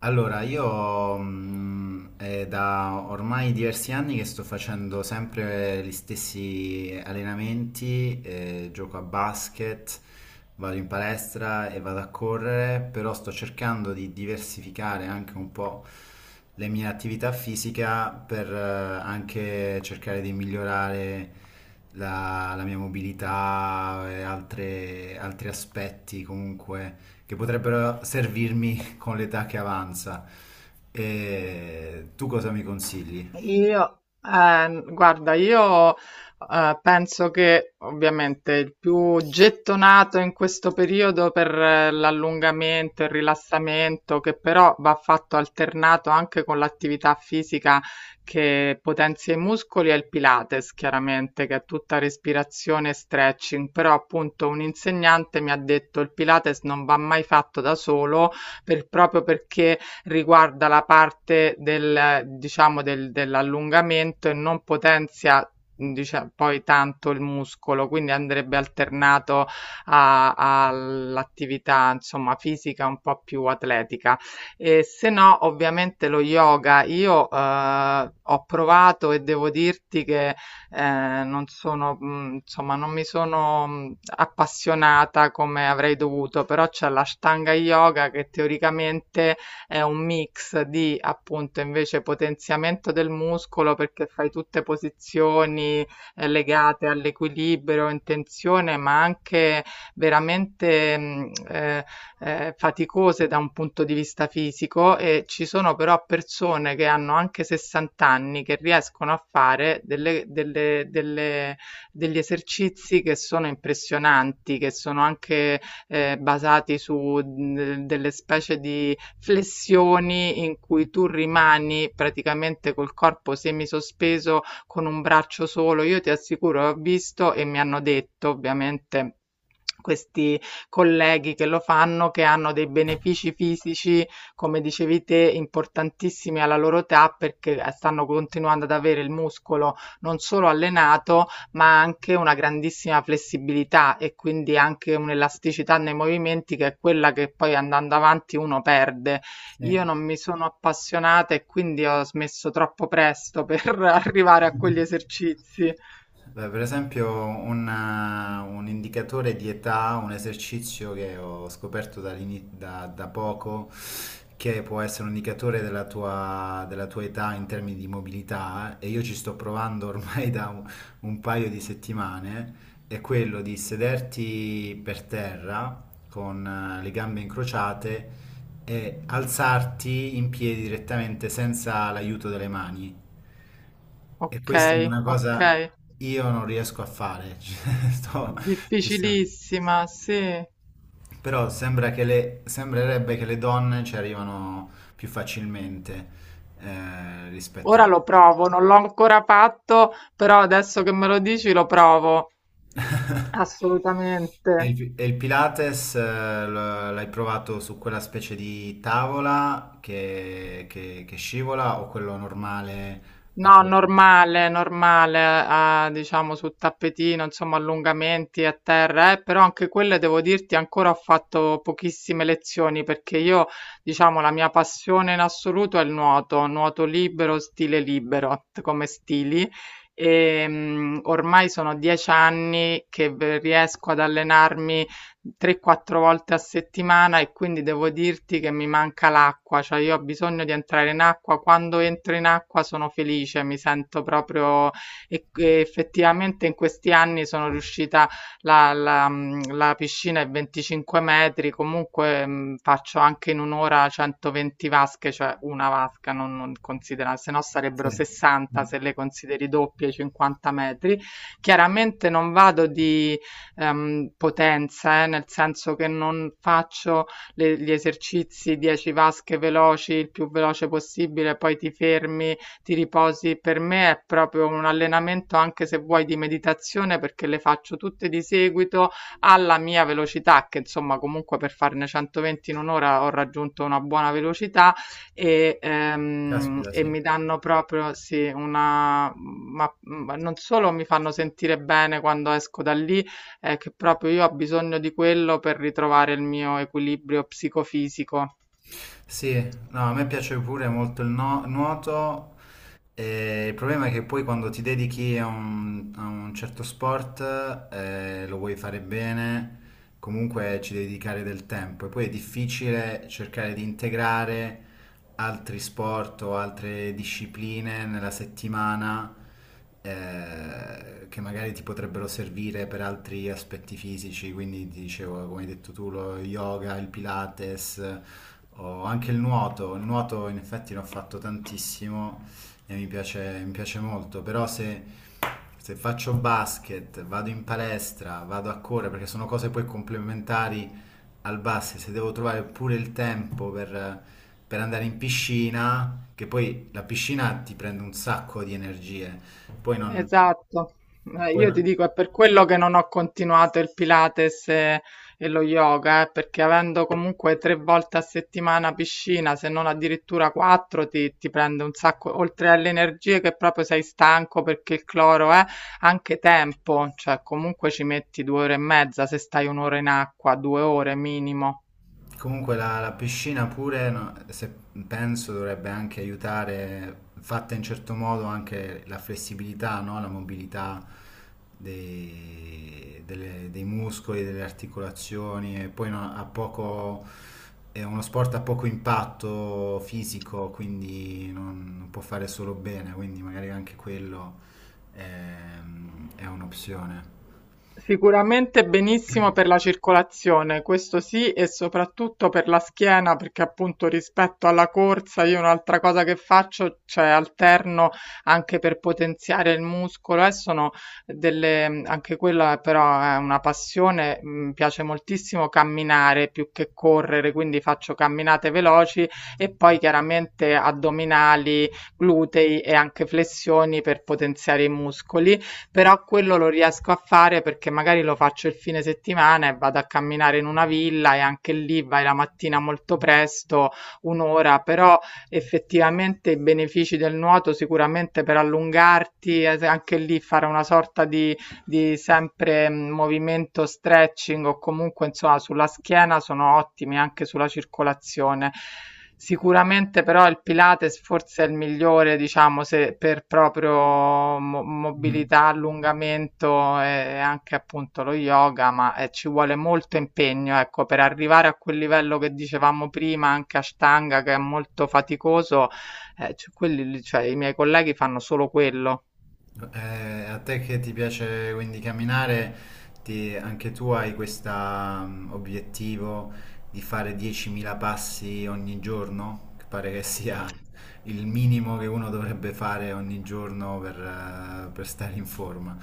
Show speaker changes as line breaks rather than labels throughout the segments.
Allora, io è da ormai diversi anni che sto facendo sempre gli stessi allenamenti, gioco a basket, vado in palestra e vado a correre, però sto cercando di diversificare anche un po' le mie attività fisica per anche cercare di migliorare la mia mobilità e altri aspetti comunque che potrebbero servirmi con l'età che avanza. E tu cosa mi consigli?
Io, guarda, io penso che ovviamente il più gettonato in questo periodo per l'allungamento, il rilassamento, che però va fatto alternato anche con l'attività fisica che potenzia i muscoli, è il Pilates, chiaramente, che è tutta respirazione e stretching. Però appunto un insegnante mi ha detto il Pilates non va mai fatto da solo proprio perché riguarda la parte del, diciamo, dell'allungamento e non potenzia. Poi tanto il muscolo, quindi andrebbe alternato all'attività, insomma, fisica un po' più atletica. E se no, ovviamente lo yoga, io ho provato e devo dirti che eh, non sono, insomma, non mi sono appassionata come avrei dovuto, però c'è la Ashtanga Yoga che teoricamente è un mix di appunto invece potenziamento del muscolo perché fai tutte posizioni legate all'equilibrio, in tensione, ma anche veramente faticose da un punto di vista fisico. E ci sono però persone che hanno anche 60 anni che riescono a fare degli esercizi che sono impressionanti, che sono anche basati su delle specie di flessioni in cui tu rimani praticamente col corpo semisospeso con un braccio solo. Io ti assicuro, ho visto e mi hanno detto, ovviamente. Questi colleghi che lo fanno, che hanno dei benefici fisici, come dicevi te, importantissimi alla loro età, perché stanno continuando ad avere il muscolo non solo allenato, ma anche una grandissima flessibilità, e quindi anche un'elasticità nei movimenti che è quella che poi andando avanti uno perde. Io
Sì.
non mi sono appassionata e quindi ho smesso troppo presto per arrivare a quegli esercizi.
Beh, per esempio un indicatore di età, un esercizio che ho scoperto da poco, che può essere un indicatore della tua età in termini di mobilità, e io ci sto provando ormai da un paio di settimane, è quello di sederti per terra con le gambe incrociate e alzarti in piedi direttamente senza l'aiuto delle mani. E
Ok,
questa è una
ok.
cosa io non riesco a fare. Cioè, ci sto-
Difficilissima, sì.
però sembra che le, sembrerebbe che le donne ci arrivano più facilmente rispetto a...
Ora lo provo, non l'ho ancora fatto, però adesso che me lo dici lo provo. Assolutamente.
E il Pilates l'hai provato su quella specie di tavola che scivola o quello normale a
No,
corpo libero?
normale, normale, ah, diciamo sul tappetino, insomma, allungamenti a terra, però anche quelle devo dirti ancora ho fatto pochissime lezioni, perché io, diciamo, la mia passione in assoluto è il nuoto, nuoto libero, stile libero come stili. E, ormai sono 10 anni che riesco ad allenarmi 3, 4 volte a settimana, e quindi devo dirti che mi manca l'acqua, cioè io ho bisogno di entrare in acqua, quando entro in acqua sono felice, mi sento proprio. E effettivamente in questi anni sono riuscita, la piscina è 25 metri, comunque faccio anche in un'ora 120 vasche, cioè una vasca non, considera, se no sarebbero
Sì.
60
Mm.
se le consideri doppie, 50 metri. Chiaramente non vado di potenza, nel senso che non faccio gli esercizi 10 vasche veloci, il più veloce possibile, poi ti fermi, ti riposi. Per me è proprio un allenamento, anche se vuoi, di meditazione, perché le faccio tutte di seguito alla mia velocità, che insomma comunque per farne 120 in un'ora ho raggiunto una buona velocità,
Caspita,
e
sì.
mi danno proprio sì, una, ma non solo mi fanno sentire bene quando esco da lì, è che proprio io ho bisogno di quello per ritrovare il mio equilibrio psicofisico.
Sì, no, a me piace pure molto il nuoto. Il problema è che poi quando ti dedichi a un certo sport, lo vuoi fare bene, comunque ci devi dedicare del tempo e poi è difficile cercare di integrare altri sport o altre discipline nella settimana che magari ti potrebbero servire per altri aspetti fisici, quindi ti dicevo, come hai detto tu, lo yoga, il pilates o anche il nuoto. Il nuoto in effetti l'ho fatto tantissimo e mi piace molto, però se faccio basket, vado in palestra, vado a correre, perché sono cose poi complementari al basket, se devo trovare pure il tempo per andare in piscina, che poi la piscina ti prende un sacco di energie, poi non...
Esatto.
Poi
Io ti
no-
dico, è per quello che non ho continuato il Pilates e lo yoga, perché avendo comunque 3 volte a settimana piscina, se non addirittura 4, ti prende un sacco, oltre alle energie che proprio sei stanco perché il cloro è, anche tempo, cioè comunque ci metti 2 ore e mezza, se stai un'ora in acqua, 2 ore minimo.
Comunque la piscina pure, no, se penso, dovrebbe anche aiutare, fatta in certo modo, anche la flessibilità, no? La mobilità dei muscoli, delle articolazioni e poi no- ha poco, è uno sport a poco impatto fisico, quindi non, non può fare solo bene, quindi magari anche quello è, è un'opzione.
Sicuramente benissimo per la circolazione, questo sì, e soprattutto per la schiena, perché appunto rispetto alla corsa io un'altra cosa che faccio, cioè alterno anche per potenziare il muscolo, e sono delle, anche quella però è una passione, mi piace moltissimo camminare più che correre, quindi faccio camminate veloci e poi chiaramente addominali, glutei e anche flessioni per potenziare i muscoli. Però quello lo riesco a fare perché magari lo faccio il fine settimana e vado a camminare in una villa, e anche lì vai la mattina molto presto, un'ora, però effettivamente i benefici del nuoto sicuramente per allungarti, anche lì fare una sorta di sempre movimento stretching o comunque insomma sulla schiena sono ottimi, anche sulla circolazione. Sicuramente però il Pilates forse è il migliore, diciamo, se per proprio mobilità, allungamento, e anche appunto lo yoga, ma ci vuole molto impegno, ecco, per arrivare a quel livello che dicevamo prima, anche Ashtanga che è molto faticoso, quelli, lì, cioè, i miei colleghi fanno solo quello.
A te che ti piace quindi camminare, anche tu hai questo obiettivo di fare 10.000 passi ogni giorno, che pare che sia il minimo che uno dovrebbe fare ogni giorno per stare in forma.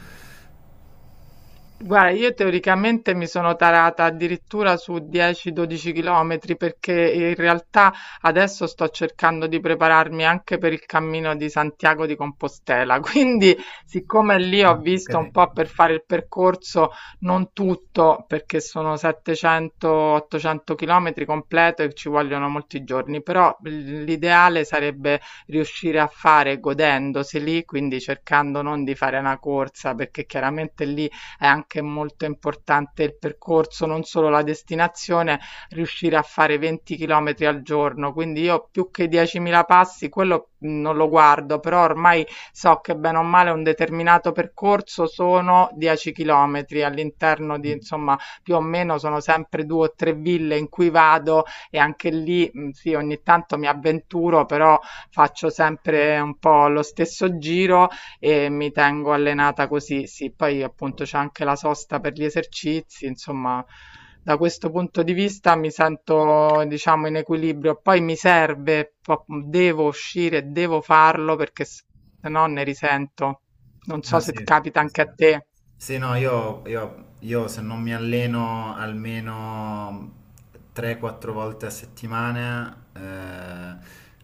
Guarda, io teoricamente mi sono tarata addirittura su 10-12 chilometri perché in realtà adesso sto cercando di prepararmi anche per il cammino di Santiago di Compostela. Quindi, siccome lì ho
Ah, ok.
visto un po' per fare il percorso, non tutto, perché sono 700-800 chilometri completo e ci vogliono molti giorni, però l'ideale sarebbe riuscire a fare godendosi lì, quindi cercando non di fare una corsa, perché chiaramente lì è anche molto importante il percorso, non solo la destinazione, riuscire a fare 20 chilometri al giorno. Quindi io più che 10.000 passi, quello non lo guardo, però ormai so che bene o male un determinato percorso sono 10 chilometri, all'interno di, insomma, più o meno sono sempre due o tre ville in cui vado, e anche lì, sì, ogni tanto mi avventuro, però faccio sempre un po' lo stesso giro e mi tengo allenata così. Sì, poi appunto c'è anche la sosta per gli esercizi, insomma, da questo punto di vista mi sento, diciamo, in equilibrio. Poi mi serve, devo uscire, devo farlo perché se no ne risento. Non so
Ah,
se
sì.
capita
Sì.
anche a te.
Sì, no, io se non mi alleno almeno 3-4 volte a settimana,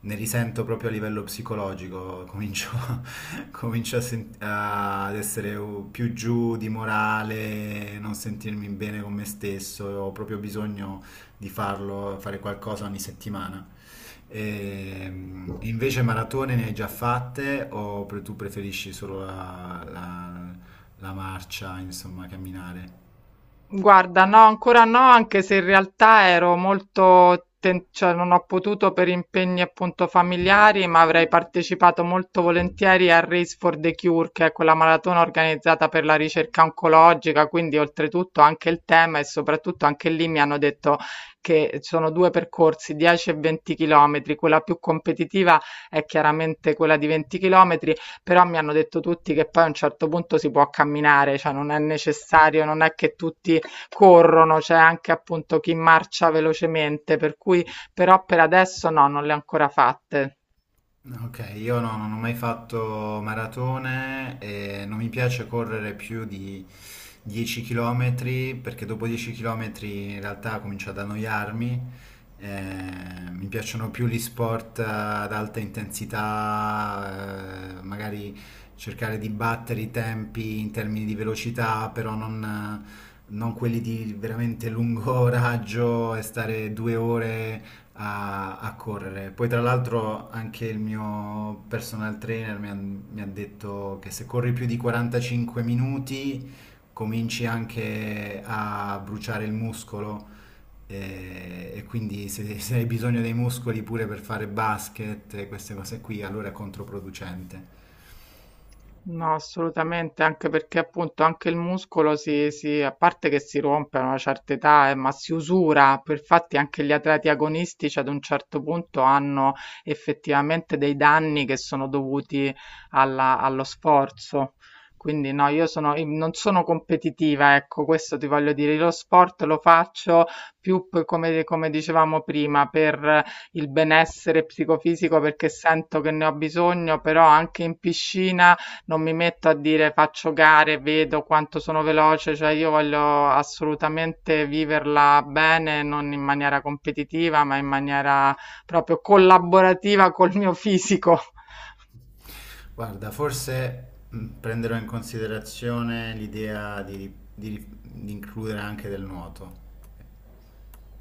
ne risento proprio a livello psicologico, comincio, comincio a ad essere più giù di morale, non sentirmi bene con me stesso, ho proprio bisogno di farlo, fare qualcosa ogni settimana. E, invece maratone ne hai già fatte o tu preferisci solo la marcia, insomma, camminare?
Guarda, no, ancora no, anche se in realtà ero molto, cioè non ho potuto per impegni appunto familiari, ma avrei partecipato molto volentieri a Race for the Cure, che è quella maratona organizzata per la ricerca oncologica, quindi oltretutto anche il tema, e soprattutto anche lì mi hanno detto che sono due percorsi, 10 e 20 chilometri, quella più competitiva è chiaramente quella di 20 chilometri, però mi hanno detto tutti che poi a un certo punto si può camminare, cioè non è necessario, non è che tutti corrono, c'è anche appunto chi marcia velocemente, per cui però per adesso no, non le ho ancora fatte.
Ok, io non ho mai fatto maratone e non mi piace correre più di 10 km perché dopo 10 km in realtà comincio ad annoiarmi. Mi piacciono più gli sport ad alta intensità, magari cercare di battere i tempi in termini di velocità, però non quelli di veramente lungo raggio e stare 2 ore a, a correre. Poi tra l'altro anche il mio personal trainer mi ha detto che se corri più di 45 minuti cominci anche a bruciare il muscolo quindi se hai bisogno dei muscoli pure per fare basket e queste cose qui, allora è controproducente.
No, assolutamente, anche perché appunto anche il muscolo si, a parte che si rompe a una certa età, ma si usura. Per Infatti anche gli atleti agonistici ad un certo punto hanno effettivamente dei danni che sono dovuti allo sforzo. Quindi no, io non sono competitiva, ecco, questo ti voglio dire. Lo sport lo faccio più come dicevamo prima, per il benessere psicofisico perché sento che ne ho bisogno, però anche in piscina non mi metto a dire faccio gare, vedo quanto sono veloce, cioè io voglio assolutamente viverla bene, non in maniera competitiva, ma in maniera proprio collaborativa col mio fisico.
Guarda, forse prenderò in considerazione l'idea di includere anche del nuoto.